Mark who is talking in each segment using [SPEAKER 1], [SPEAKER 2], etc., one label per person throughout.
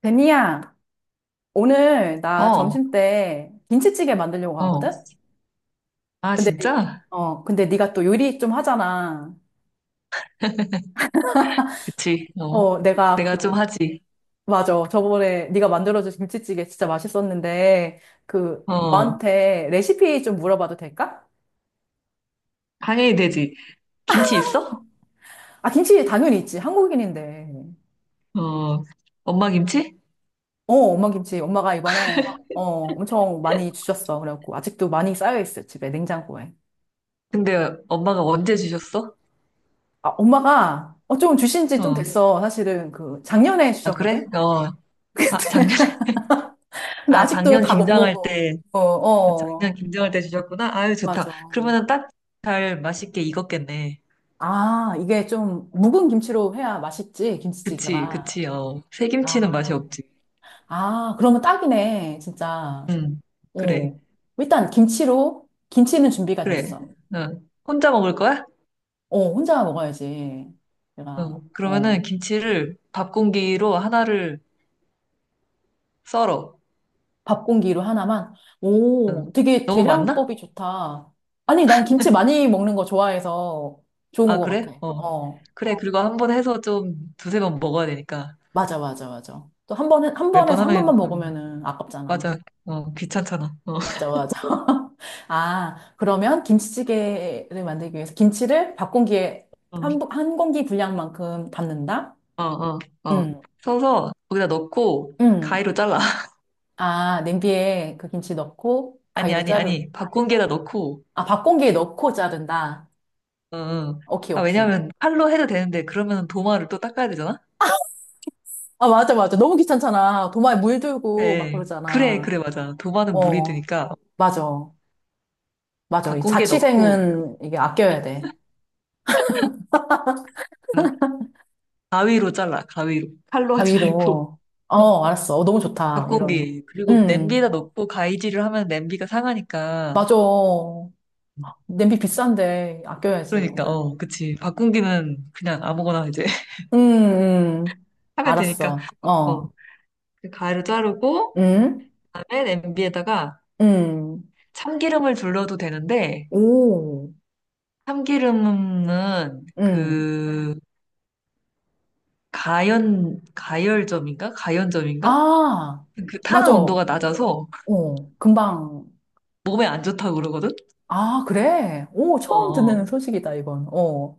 [SPEAKER 1] 베니야, 오늘 나
[SPEAKER 2] 어,
[SPEAKER 1] 점심 때 김치찌개 만들려고
[SPEAKER 2] 어.
[SPEAKER 1] 하거든?
[SPEAKER 2] 아,
[SPEAKER 1] 근데 니,
[SPEAKER 2] 진짜?
[SPEAKER 1] 근데 네가 또 요리 좀 하잖아.
[SPEAKER 2] 그치. 어.
[SPEAKER 1] 어, 내가
[SPEAKER 2] 내가 좀
[SPEAKER 1] 그,
[SPEAKER 2] 하지.
[SPEAKER 1] 맞아. 저번에 네가 만들어준 김치찌개 진짜 맛있었는데,
[SPEAKER 2] 어.
[SPEAKER 1] 너한테 레시피 좀 물어봐도 될까?
[SPEAKER 2] 당연히 되지. 김치 있어?
[SPEAKER 1] 아, 김치 당연히 있지. 한국인인데.
[SPEAKER 2] 어. 엄마 김치?
[SPEAKER 1] 어, 엄마 김치. 엄마가 이번에, 어, 엄청 많이 주셨어. 그래갖고, 아직도 많이 쌓여있어. 집에, 냉장고에.
[SPEAKER 2] 근데 엄마가 언제 주셨어?
[SPEAKER 1] 아, 엄마가, 좀 주신 지 좀
[SPEAKER 2] 어.
[SPEAKER 1] 됐어. 사실은 작년에
[SPEAKER 2] 아, 그래?
[SPEAKER 1] 주셨거든?
[SPEAKER 2] 어. 아, 작년에.
[SPEAKER 1] 근데
[SPEAKER 2] 아,
[SPEAKER 1] 아직도
[SPEAKER 2] 작년
[SPEAKER 1] 다 못
[SPEAKER 2] 김장할
[SPEAKER 1] 먹어.
[SPEAKER 2] 때,
[SPEAKER 1] 어,
[SPEAKER 2] 작년
[SPEAKER 1] 어.
[SPEAKER 2] 김장할 때 주셨구나? 아유, 좋다.
[SPEAKER 1] 맞아.
[SPEAKER 2] 그러면은 딱 잘 맛있게 익었겠네.
[SPEAKER 1] 아, 이게 좀 묵은 김치로 해야 맛있지,
[SPEAKER 2] 그치,
[SPEAKER 1] 김치찌개가.
[SPEAKER 2] 그치, 어. 새김치는 맛이
[SPEAKER 1] 아,
[SPEAKER 2] 없지.
[SPEAKER 1] 아, 그러면 딱이네, 진짜.
[SPEAKER 2] 응. 그래,
[SPEAKER 1] 오. 일단 김치는 준비가
[SPEAKER 2] 그래.
[SPEAKER 1] 됐어.
[SPEAKER 2] 어. 혼자 먹을 거야?
[SPEAKER 1] 오, 혼자 먹어야지.
[SPEAKER 2] 어,
[SPEAKER 1] 내가,
[SPEAKER 2] 그러면은
[SPEAKER 1] 어,
[SPEAKER 2] 김치를 밥 공기로 하나를 썰어.
[SPEAKER 1] 밥 공기로 하나만. 오, 되게
[SPEAKER 2] 너무 많나?
[SPEAKER 1] 계량법이 좋다. 아니, 난 김치 많이 먹는 거 좋아해서 좋은
[SPEAKER 2] 아,
[SPEAKER 1] 것
[SPEAKER 2] 그래?
[SPEAKER 1] 같아.
[SPEAKER 2] 어.
[SPEAKER 1] 어.
[SPEAKER 2] 그래, 그리고 한번 해서 좀 두세 번 먹어야 되니까.
[SPEAKER 1] 맞아, 맞아, 맞아. 또 한
[SPEAKER 2] 몇 번
[SPEAKER 1] 번에서 한
[SPEAKER 2] 하면,
[SPEAKER 1] 번만
[SPEAKER 2] 어,
[SPEAKER 1] 먹으면은 아깝잖아.
[SPEAKER 2] 맞아. 어, 귀찮잖아. 어,
[SPEAKER 1] 맞아, 맞아. 아, 그러면 김치찌개를 만들기 위해서 김치를 밥 공기에
[SPEAKER 2] 어,
[SPEAKER 1] 한 공기 분량만큼 담는다?
[SPEAKER 2] 어, 어. 어.
[SPEAKER 1] 응,
[SPEAKER 2] 서서 거기다 넣고,
[SPEAKER 1] 응.
[SPEAKER 2] 가위로 잘라.
[SPEAKER 1] 아, 냄비에 그 김치 넣고
[SPEAKER 2] 아니,
[SPEAKER 1] 가위로
[SPEAKER 2] 아니,
[SPEAKER 1] 자르고.
[SPEAKER 2] 아니. 밥 공기에다 넣고,
[SPEAKER 1] 아, 밥 공기에 넣고 자른다.
[SPEAKER 2] 어, 어.
[SPEAKER 1] 오케이,
[SPEAKER 2] 아,
[SPEAKER 1] 오케이.
[SPEAKER 2] 왜냐면 칼로 해도 되는데, 그러면 도마를 또 닦아야 되잖아?
[SPEAKER 1] 아, 맞아, 맞아. 너무 귀찮잖아. 도마에 물 들고 막
[SPEAKER 2] 네. 그래,
[SPEAKER 1] 그러잖아.
[SPEAKER 2] 그래, 맞아. 도마는 물이
[SPEAKER 1] 어,
[SPEAKER 2] 드니까
[SPEAKER 1] 맞아. 맞아.
[SPEAKER 2] 밥
[SPEAKER 1] 이
[SPEAKER 2] 공기에 넣고,
[SPEAKER 1] 자취생은 이게 아껴야 돼.
[SPEAKER 2] 아, 가위로 잘라, 가위로. 칼로 하지 말고.
[SPEAKER 1] 가위로. 어, 알았어. 어, 너무 좋다. 이런.
[SPEAKER 2] 밥고기. 그리고 냄비에다
[SPEAKER 1] 음,
[SPEAKER 2] 넣고 가위질을 하면 냄비가 상하니까.
[SPEAKER 1] 맞아. 냄비 비싼데 아껴야지,
[SPEAKER 2] 그러니까,
[SPEAKER 1] 이거를.
[SPEAKER 2] 어, 그치. 밥고기는 그냥 아무거나 이제
[SPEAKER 1] 음, 음.
[SPEAKER 2] 하면 되니까.
[SPEAKER 1] 알았어.
[SPEAKER 2] 어,
[SPEAKER 1] 어.
[SPEAKER 2] 그 가위로 자르고,
[SPEAKER 1] 음,
[SPEAKER 2] 그다음에 냄비에다가
[SPEAKER 1] 음.
[SPEAKER 2] 참기름을 둘러도 되는데,
[SPEAKER 1] 오,
[SPEAKER 2] 참기름은
[SPEAKER 1] 음.
[SPEAKER 2] 그, 가열점인가? 가연점인가?
[SPEAKER 1] 아,
[SPEAKER 2] 그 타는
[SPEAKER 1] 맞아.
[SPEAKER 2] 온도가
[SPEAKER 1] 어,
[SPEAKER 2] 낮아서
[SPEAKER 1] 금방.
[SPEAKER 2] 몸에 안 좋다고 그러거든?
[SPEAKER 1] 아, 그래. 오,
[SPEAKER 2] 어,
[SPEAKER 1] 처음 듣는
[SPEAKER 2] 어.
[SPEAKER 1] 소식이다, 이건. 어.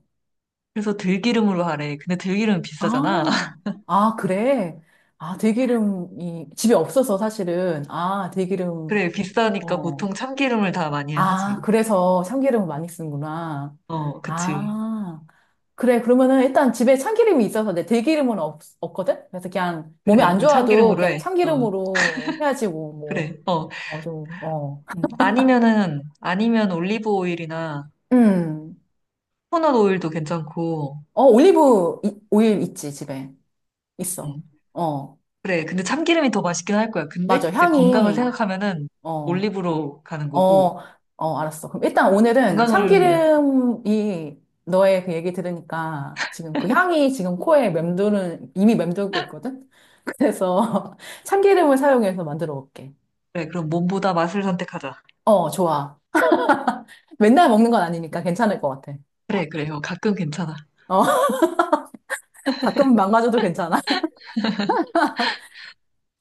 [SPEAKER 2] 그래서 들기름으로 하래. 근데 들기름은 비싸잖아.
[SPEAKER 1] 아, 아, 그래. 아, 들기름이 집에 없어서 사실은. 아, 들기름.
[SPEAKER 2] 그래, 비싸니까
[SPEAKER 1] 어.
[SPEAKER 2] 보통 참기름을 다 많이
[SPEAKER 1] 아,
[SPEAKER 2] 하지.
[SPEAKER 1] 그래서 참기름을 많이 쓰는구나.
[SPEAKER 2] 어, 그치.
[SPEAKER 1] 아, 그래. 그러면은 일단 집에 참기름이 있어서 내 들기름은 없거든? 그래서 그냥 몸에
[SPEAKER 2] 그래,
[SPEAKER 1] 안
[SPEAKER 2] 그럼
[SPEAKER 1] 좋아도
[SPEAKER 2] 참기름으로
[SPEAKER 1] 그냥
[SPEAKER 2] 해. 어,
[SPEAKER 1] 참기름으로 해야지 뭐,
[SPEAKER 2] 그래. 어,
[SPEAKER 1] 어, 좀, 어.
[SPEAKER 2] 아니면은, 아니면 올리브 오일이나
[SPEAKER 1] 음.
[SPEAKER 2] 코코넛 오일도 괜찮고,
[SPEAKER 1] 어, 올리브 오일 있지, 집에. 있어.
[SPEAKER 2] 음,
[SPEAKER 1] 어,
[SPEAKER 2] 그래. 근데 참기름이 더 맛있긴 할 거야. 근데
[SPEAKER 1] 맞아.
[SPEAKER 2] 이제 건강을
[SPEAKER 1] 향이,
[SPEAKER 2] 생각하면은
[SPEAKER 1] 어,
[SPEAKER 2] 올리브로 가는
[SPEAKER 1] 어,
[SPEAKER 2] 거고,
[SPEAKER 1] 어, 알았어. 그럼 일단 오늘은
[SPEAKER 2] 건강을,
[SPEAKER 1] 참기름이 너의 그 얘기 들으니까 지금 그 향이 지금 코에 맴도는, 이미 맴돌고 있거든? 그래서 참기름을 사용해서 만들어 볼게.
[SPEAKER 2] 그래, 그럼 몸보다 맛을 선택하자.
[SPEAKER 1] 어, 좋아. 맨날 먹는 건 아니니까 괜찮을 것 같아.
[SPEAKER 2] 그래, 그래. 어, 가끔 괜찮아.
[SPEAKER 1] 어, 가끔 망가져도 괜찮아.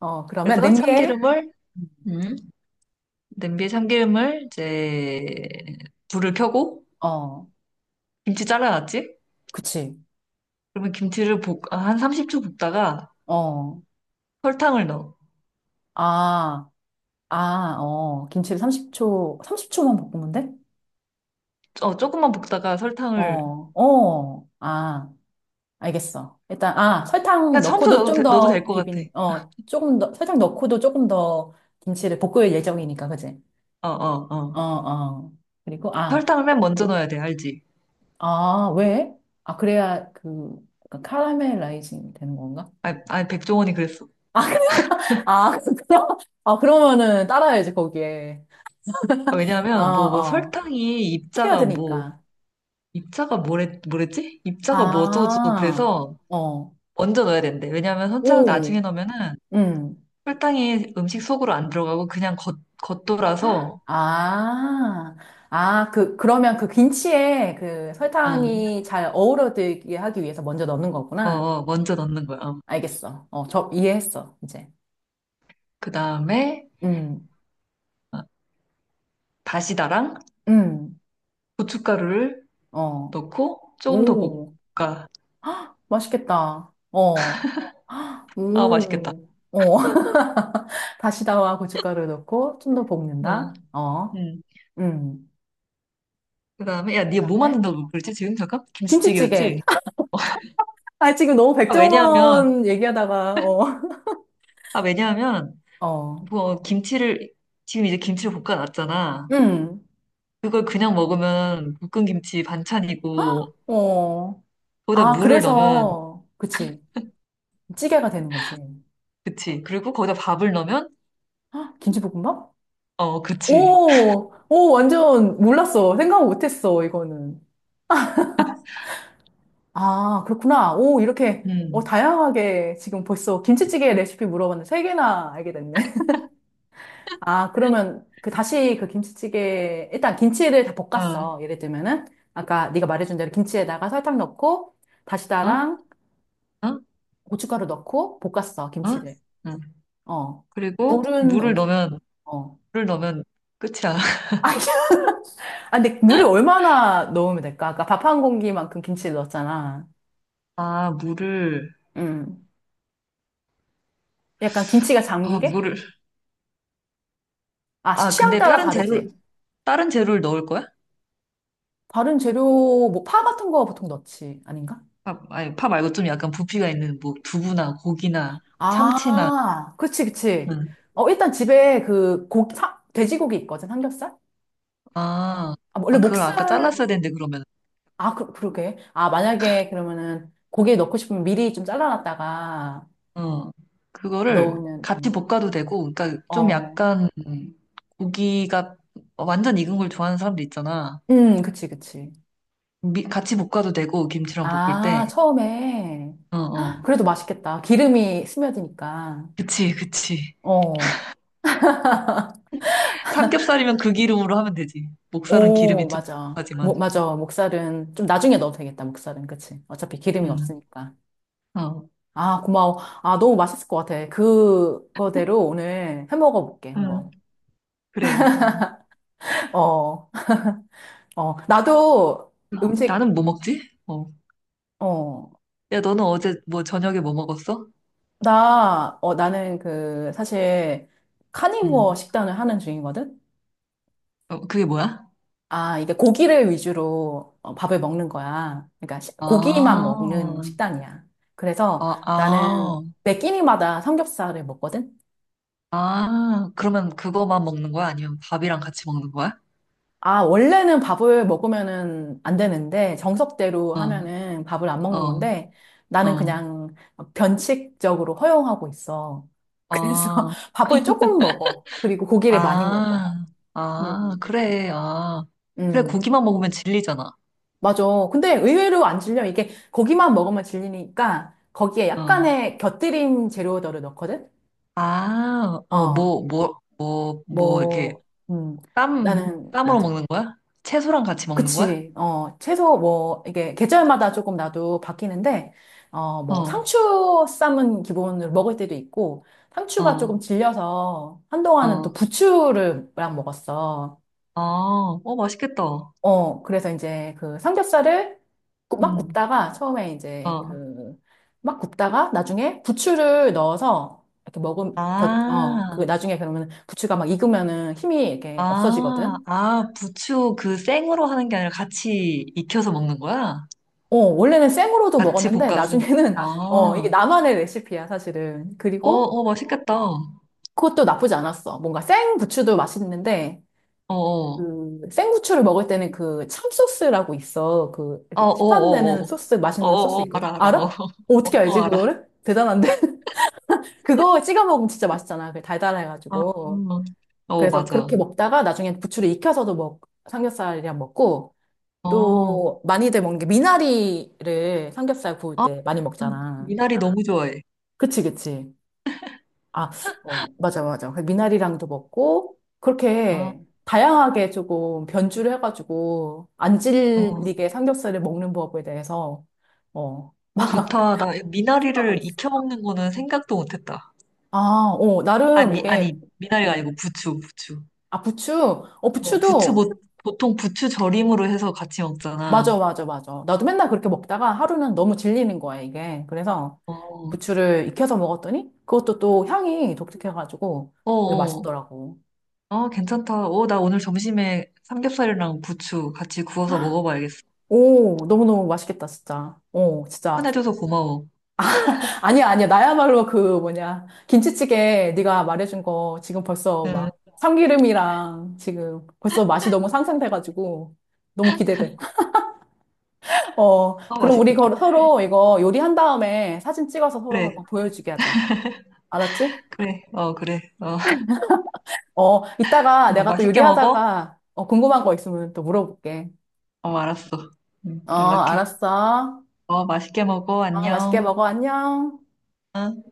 [SPEAKER 1] 어, 그러면
[SPEAKER 2] 그래서
[SPEAKER 1] 냄비에,
[SPEAKER 2] 참기름을, 음, 냄비에 참기름을 이제 불을 켜고,
[SPEAKER 1] 어,
[SPEAKER 2] 김치 잘라놨지?
[SPEAKER 1] 그치.
[SPEAKER 2] 그러면 김치를 아, 한 30초 볶다가
[SPEAKER 1] 어,
[SPEAKER 2] 설탕을 넣어.
[SPEAKER 1] 아, 김치를 30초, 30초만 볶으면 돼?
[SPEAKER 2] 어, 조금만 볶다가 설탕을,
[SPEAKER 1] 어, 어, 아. 알겠어. 설탕
[SPEAKER 2] 그냥 처음부터
[SPEAKER 1] 넣고도
[SPEAKER 2] 넣어도,
[SPEAKER 1] 좀
[SPEAKER 2] 넣어도 될
[SPEAKER 1] 더
[SPEAKER 2] 것 같아.
[SPEAKER 1] 비비니, 조금 더, 설탕 넣고도 조금 더 김치를 볶을 예정이니까, 그지?
[SPEAKER 2] 어, 어,
[SPEAKER 1] 어,
[SPEAKER 2] 어.
[SPEAKER 1] 어. 그리고, 아,
[SPEAKER 2] 설탕을 맨 먼저 넣어야 돼, 알지?
[SPEAKER 1] 아, 왜? 아, 그래야 약간 카라멜라이징 되는 건가?
[SPEAKER 2] 아니, 아니, 백종원이 그랬어.
[SPEAKER 1] 아, 아, 그럼, 아, 그러면은 따라야지, 거기에.
[SPEAKER 2] 아,
[SPEAKER 1] 아,
[SPEAKER 2] 왜냐하면 뭐
[SPEAKER 1] 어.
[SPEAKER 2] 설탕이 입자가 뭐,
[SPEAKER 1] 스며드니까.
[SPEAKER 2] 입자가 뭐래, 뭐랬지? 입자가 뭐 어쩌고저쩌고
[SPEAKER 1] 아,
[SPEAKER 2] 그래서
[SPEAKER 1] 어.
[SPEAKER 2] 먼저 넣어야 된대. 왜냐하면 설탕을 나중에
[SPEAKER 1] 오,
[SPEAKER 2] 넣으면은
[SPEAKER 1] 음.
[SPEAKER 2] 설탕이 음식 속으로 안 들어가고 그냥 겉돌아서,
[SPEAKER 1] 아, 아, 그러면 그 김치에 그
[SPEAKER 2] 응,
[SPEAKER 1] 설탕이 잘 어우러들게 하기 위해서 먼저 넣는
[SPEAKER 2] 어,
[SPEAKER 1] 거구나.
[SPEAKER 2] 어, 먼저 넣는 거야. 어.
[SPEAKER 1] 알겠어. 어, 저 이해했어, 이제.
[SPEAKER 2] 그 다음에
[SPEAKER 1] 음,
[SPEAKER 2] 어, 다시다랑
[SPEAKER 1] 음,
[SPEAKER 2] 고춧가루를
[SPEAKER 1] 어,
[SPEAKER 2] 넣고 조금 더
[SPEAKER 1] 오,
[SPEAKER 2] 볶아.
[SPEAKER 1] 맛있겠다. 어,
[SPEAKER 2] 아, 맛있겠다.
[SPEAKER 1] 오, 어. 다시다와 고춧가루 넣고 좀 더
[SPEAKER 2] 응,
[SPEAKER 1] 볶는다. 어,
[SPEAKER 2] 응.
[SPEAKER 1] 음.
[SPEAKER 2] 그 다음에, 야, 네가 뭐
[SPEAKER 1] 그다음에
[SPEAKER 2] 만든다고 그랬지, 지금? 잠깐?
[SPEAKER 1] 김치찌개.
[SPEAKER 2] 김치찌개였지?
[SPEAKER 1] 아, 지금 너무
[SPEAKER 2] 아, 왜냐하면,
[SPEAKER 1] 백종원 얘기하다가, 어,
[SPEAKER 2] 아, 왜냐하면,
[SPEAKER 1] 어,
[SPEAKER 2] 뭐, 김치를, 지금 이제 김치를 볶아놨잖아.
[SPEAKER 1] 음,
[SPEAKER 2] 그걸 그냥 먹으면 볶은 김치 반찬이고,
[SPEAKER 1] 어.
[SPEAKER 2] 거기다
[SPEAKER 1] 아,
[SPEAKER 2] 물을 넣으면,
[SPEAKER 1] 그래서, 그치. 찌개가 되는 거지.
[SPEAKER 2] 그치. 그리고 거기다 밥을 넣으면,
[SPEAKER 1] 아, 김치볶음밥?
[SPEAKER 2] 어, 그치.
[SPEAKER 1] 오, 오, 완전 몰랐어. 생각 못했어, 이거는. 아, 그렇구나. 오, 이렇게, 어,
[SPEAKER 2] 음,
[SPEAKER 1] 다양하게 지금 벌써 김치찌개 레시피 물어봤는데 세 개나 알게 됐네. 아, 그러면 그 다시 그 김치찌개, 일단 김치를 다
[SPEAKER 2] 아,
[SPEAKER 1] 볶았어. 예를 들면은, 아까 네가 말해준 대로 김치에다가 설탕 넣고,
[SPEAKER 2] 어? 어?
[SPEAKER 1] 다시다랑 고춧가루 넣고 볶았어,
[SPEAKER 2] 어?
[SPEAKER 1] 김치를.
[SPEAKER 2] 응.
[SPEAKER 1] 어.
[SPEAKER 2] 그리고
[SPEAKER 1] 물은
[SPEAKER 2] 물을
[SPEAKER 1] 언제?
[SPEAKER 2] 넣으면,
[SPEAKER 1] 어.
[SPEAKER 2] 물을 넣으면 끝이야.
[SPEAKER 1] 아, 아, 근데 물을 얼마나 넣으면 될까? 아까 밥 한 공기만큼 김치를 넣었잖아.
[SPEAKER 2] 아, 물을,
[SPEAKER 1] 음. 약간 김치가
[SPEAKER 2] 아,
[SPEAKER 1] 잠기게?
[SPEAKER 2] 물을.
[SPEAKER 1] 아,
[SPEAKER 2] 아,
[SPEAKER 1] 취향
[SPEAKER 2] 근데
[SPEAKER 1] 따라
[SPEAKER 2] 다른 재료,
[SPEAKER 1] 다르지.
[SPEAKER 2] 다른 재료를 넣을 거야?
[SPEAKER 1] 다른 재료, 뭐, 파 같은 거 보통 넣지. 아닌가?
[SPEAKER 2] 파, 아니, 파 말고 좀 약간 부피가 있는 뭐 두부나 고기나 참치나.
[SPEAKER 1] 아, 그치, 그치.
[SPEAKER 2] 응.
[SPEAKER 1] 어, 일단 집에 그 고기, 돼지고기 있거든, 삼겹살?
[SPEAKER 2] 아,
[SPEAKER 1] 아, 뭐, 원래
[SPEAKER 2] 아, 그걸 아까
[SPEAKER 1] 목살,
[SPEAKER 2] 잘랐어야 되는데 그러면.
[SPEAKER 1] 아, 그러게. 아, 만약에 그러면은 고기 에 넣고 싶으면 미리 좀 잘라놨다가
[SPEAKER 2] 어, 그거를
[SPEAKER 1] 넣으면
[SPEAKER 2] 같이
[SPEAKER 1] 되는.
[SPEAKER 2] 볶아도 되고, 그러니까 좀
[SPEAKER 1] 어,
[SPEAKER 2] 약간 고기가 완전 익은 걸 좋아하는 사람들 있잖아.
[SPEAKER 1] 그치, 그치.
[SPEAKER 2] 같이 볶아도 되고 김치랑 볶을
[SPEAKER 1] 아,
[SPEAKER 2] 때.
[SPEAKER 1] 처음에.
[SPEAKER 2] 어, 어.
[SPEAKER 1] 그래도 맛있겠다. 기름이 스며드니까.
[SPEAKER 2] 그치, 그치.
[SPEAKER 1] 어,
[SPEAKER 2] 삼겹살이면 그 기름으로 하면 되지. 목살은
[SPEAKER 1] 오,
[SPEAKER 2] 기름이 좀
[SPEAKER 1] 맞아. 뭐,
[SPEAKER 2] 하지만.
[SPEAKER 1] 맞아. 목살은 좀 나중에 넣어도 되겠다. 목살은. 그치. 어차피 기름이
[SPEAKER 2] 응.
[SPEAKER 1] 없으니까.
[SPEAKER 2] 어.
[SPEAKER 1] 아, 고마워. 아, 너무 맛있을 것 같아. 그거대로 오늘 해 먹어볼게,
[SPEAKER 2] 응.
[SPEAKER 1] 한번.
[SPEAKER 2] 그래.
[SPEAKER 1] 어, 어, 나도 음식,
[SPEAKER 2] 나는 뭐 먹지? 어.
[SPEAKER 1] 어,
[SPEAKER 2] 야, 너는 어제 뭐 저녁에 뭐 먹었어?
[SPEAKER 1] 나는 사실, 카니부어
[SPEAKER 2] 응.
[SPEAKER 1] 식단을 하는 중이거든?
[SPEAKER 2] 어, 그게 뭐야?
[SPEAKER 1] 아, 이게 고기를 위주로 어, 밥을 먹는 거야. 그러니까 고기만
[SPEAKER 2] 아,
[SPEAKER 1] 먹는 식단이야. 그래서
[SPEAKER 2] 아,
[SPEAKER 1] 나는
[SPEAKER 2] 아,
[SPEAKER 1] 매 끼니마다 삼겹살을 먹거든?
[SPEAKER 2] 아, 그러면 그거만 먹는 거야? 아니면 밥이랑 같이 먹는 거야?
[SPEAKER 1] 아, 원래는 밥을 먹으면은 안 되는데, 정석대로
[SPEAKER 2] 어,
[SPEAKER 1] 하면은 밥을 안 먹는
[SPEAKER 2] 어,
[SPEAKER 1] 건데, 나는
[SPEAKER 2] 어,
[SPEAKER 1] 그냥 변칙적으로 허용하고 있어. 그래서
[SPEAKER 2] 아,
[SPEAKER 1] 밥을 조금 먹어. 그리고 고기를 많이 먹어.
[SPEAKER 2] 아, 아,
[SPEAKER 1] 음.
[SPEAKER 2] 그래, 아. 그래,
[SPEAKER 1] 음.
[SPEAKER 2] 고기만 먹으면 질리잖아.
[SPEAKER 1] 맞아. 근데 의외로 안 질려. 이게 고기만 먹으면 질리니까 거기에
[SPEAKER 2] 어,
[SPEAKER 1] 약간의 곁들임 재료들을 넣거든?
[SPEAKER 2] 아, 어,
[SPEAKER 1] 어,
[SPEAKER 2] 뭐, 뭐, 뭐, 뭐, 이렇게
[SPEAKER 1] 뭐, 음,
[SPEAKER 2] 쌈,
[SPEAKER 1] 나는,
[SPEAKER 2] 쌈으로
[SPEAKER 1] 맞아.
[SPEAKER 2] 먹는 거야? 채소랑 같이 먹는 거야?
[SPEAKER 1] 그치. 어, 채소 뭐, 이게 계절마다 조금 나도 바뀌는데, 어, 뭐,
[SPEAKER 2] 어,
[SPEAKER 1] 상추 쌈은 기본으로 먹을 때도 있고, 상추가 조금
[SPEAKER 2] 어,
[SPEAKER 1] 질려서 한동안은 또
[SPEAKER 2] 어.
[SPEAKER 1] 부추를 랑 먹었어.
[SPEAKER 2] 아, 어, 맛있겠다.
[SPEAKER 1] 어, 그래서 이제 그 삼겹살을 막
[SPEAKER 2] 음.
[SPEAKER 1] 굽다가 처음에 이제
[SPEAKER 2] 어.
[SPEAKER 1] 그 막 굽다가 나중에 부추를 넣어서 이렇게 먹음
[SPEAKER 2] 아,
[SPEAKER 1] 그 나중에 그러면 부추가 막 익으면은 힘이 이렇게
[SPEAKER 2] 아,
[SPEAKER 1] 없어지거든.
[SPEAKER 2] 아, 부추 그 생으로 하는 게 아니라 같이 익혀서 먹는 거야?
[SPEAKER 1] 어, 원래는 생으로도
[SPEAKER 2] 같이
[SPEAKER 1] 먹었는데
[SPEAKER 2] 볶아서.
[SPEAKER 1] 나중에는
[SPEAKER 2] 아,
[SPEAKER 1] 어, 이게
[SPEAKER 2] 어,
[SPEAKER 1] 나만의 레시피야, 사실은. 그리고
[SPEAKER 2] 어, 맛있겠다. 어,
[SPEAKER 1] 그것도 나쁘지 않았어. 뭔가 생 부추도 맛있는데
[SPEAKER 2] 어,
[SPEAKER 1] 그 생고추를 먹을 때는 그 참소스라고 있어. 그
[SPEAKER 2] 아, 어,
[SPEAKER 1] 이렇게 시판되는
[SPEAKER 2] 어,
[SPEAKER 1] 소스,
[SPEAKER 2] 어, 어,
[SPEAKER 1] 맛있는 소스
[SPEAKER 2] 어, 어,
[SPEAKER 1] 있거든.
[SPEAKER 2] 알아, 알아.
[SPEAKER 1] 알아?
[SPEAKER 2] 어,
[SPEAKER 1] 어,
[SPEAKER 2] 어,
[SPEAKER 1] 어떻게
[SPEAKER 2] 어,
[SPEAKER 1] 알지
[SPEAKER 2] 알아.
[SPEAKER 1] 그거를? 대단한데? 그거 찍어 먹으면 진짜 맛있잖아. 그
[SPEAKER 2] 어, 어,
[SPEAKER 1] 달달해가지고.
[SPEAKER 2] 어,
[SPEAKER 1] 그래서 그렇게
[SPEAKER 2] 맞아.
[SPEAKER 1] 먹다가 나중에 부추를 익혀서도 먹 삼겹살이랑 먹고
[SPEAKER 2] 어,
[SPEAKER 1] 또 많이들 먹는 게 미나리를 삼겹살 구울
[SPEAKER 2] 아,
[SPEAKER 1] 때 많이 먹잖아.
[SPEAKER 2] 미나리 너무 좋아해.
[SPEAKER 1] 그치, 그치. 아, 어, 맞아, 맞아. 그 미나리랑도 먹고,
[SPEAKER 2] 아,
[SPEAKER 1] 그렇게 다양하게 조금 변주를 해가지고, 안
[SPEAKER 2] 어,
[SPEAKER 1] 질리게 삼겹살을 먹는 법에 대해서, 어,
[SPEAKER 2] 어,
[SPEAKER 1] 막,
[SPEAKER 2] 좋다. 나
[SPEAKER 1] 수하고
[SPEAKER 2] 미나리를
[SPEAKER 1] 있어.
[SPEAKER 2] 익혀 먹는 거는 생각도 못 했다.
[SPEAKER 1] 아, 어, 나름
[SPEAKER 2] 아니, 아니,
[SPEAKER 1] 이게,
[SPEAKER 2] 미나리가 아니고
[SPEAKER 1] 음,
[SPEAKER 2] 부추, 부추.
[SPEAKER 1] 아, 부추? 어,
[SPEAKER 2] 어, 보,
[SPEAKER 1] 부추도,
[SPEAKER 2] 보통 부추 절임으로 해서 같이
[SPEAKER 1] 맞아,
[SPEAKER 2] 먹잖아.
[SPEAKER 1] 맞아, 맞아. 나도 맨날 그렇게 먹다가 하루는 너무 질리는 거야, 이게. 그래서
[SPEAKER 2] 어, 어,
[SPEAKER 1] 부추를 익혀서 먹었더니, 그것도 또 향이 독특해가지고, 되게
[SPEAKER 2] 어.
[SPEAKER 1] 맛있더라고.
[SPEAKER 2] 아, 괜찮다. 어, 나 오늘 점심에 삼겹살이랑 부추 같이 구워서 먹어봐야겠어.
[SPEAKER 1] 오, 너무너무 맛있겠다, 진짜. 어, 진짜.
[SPEAKER 2] 추천해줘서 고마워.
[SPEAKER 1] 아니야, 아니야. 나야말로 그 뭐냐. 김치찌개 네가 말해준 거 지금 벌써
[SPEAKER 2] 응,
[SPEAKER 1] 막 참기름이랑 지금 벌써 맛이 너무 상상돼가지고 너무 기대돼. 어,
[SPEAKER 2] 어
[SPEAKER 1] 그럼 우리
[SPEAKER 2] 맛있겠다.
[SPEAKER 1] 서로 이거 요리한 다음에 사진 찍어서 서로
[SPEAKER 2] 그래,
[SPEAKER 1] 한번 보여주게 하자. 알았지?
[SPEAKER 2] 그래, 어, 그래. 어,
[SPEAKER 1] 어, 이따가
[SPEAKER 2] 어,
[SPEAKER 1] 내가 또
[SPEAKER 2] 맛있게 먹어?
[SPEAKER 1] 요리하다가 어, 궁금한 거 있으면 또 물어볼게.
[SPEAKER 2] 어, 알았어. 응,
[SPEAKER 1] 어,
[SPEAKER 2] 연락해.
[SPEAKER 1] 알았어.
[SPEAKER 2] 어, 맛있게 먹어.
[SPEAKER 1] 어, 맛있게
[SPEAKER 2] 안녕.
[SPEAKER 1] 먹어. 안녕.
[SPEAKER 2] 어.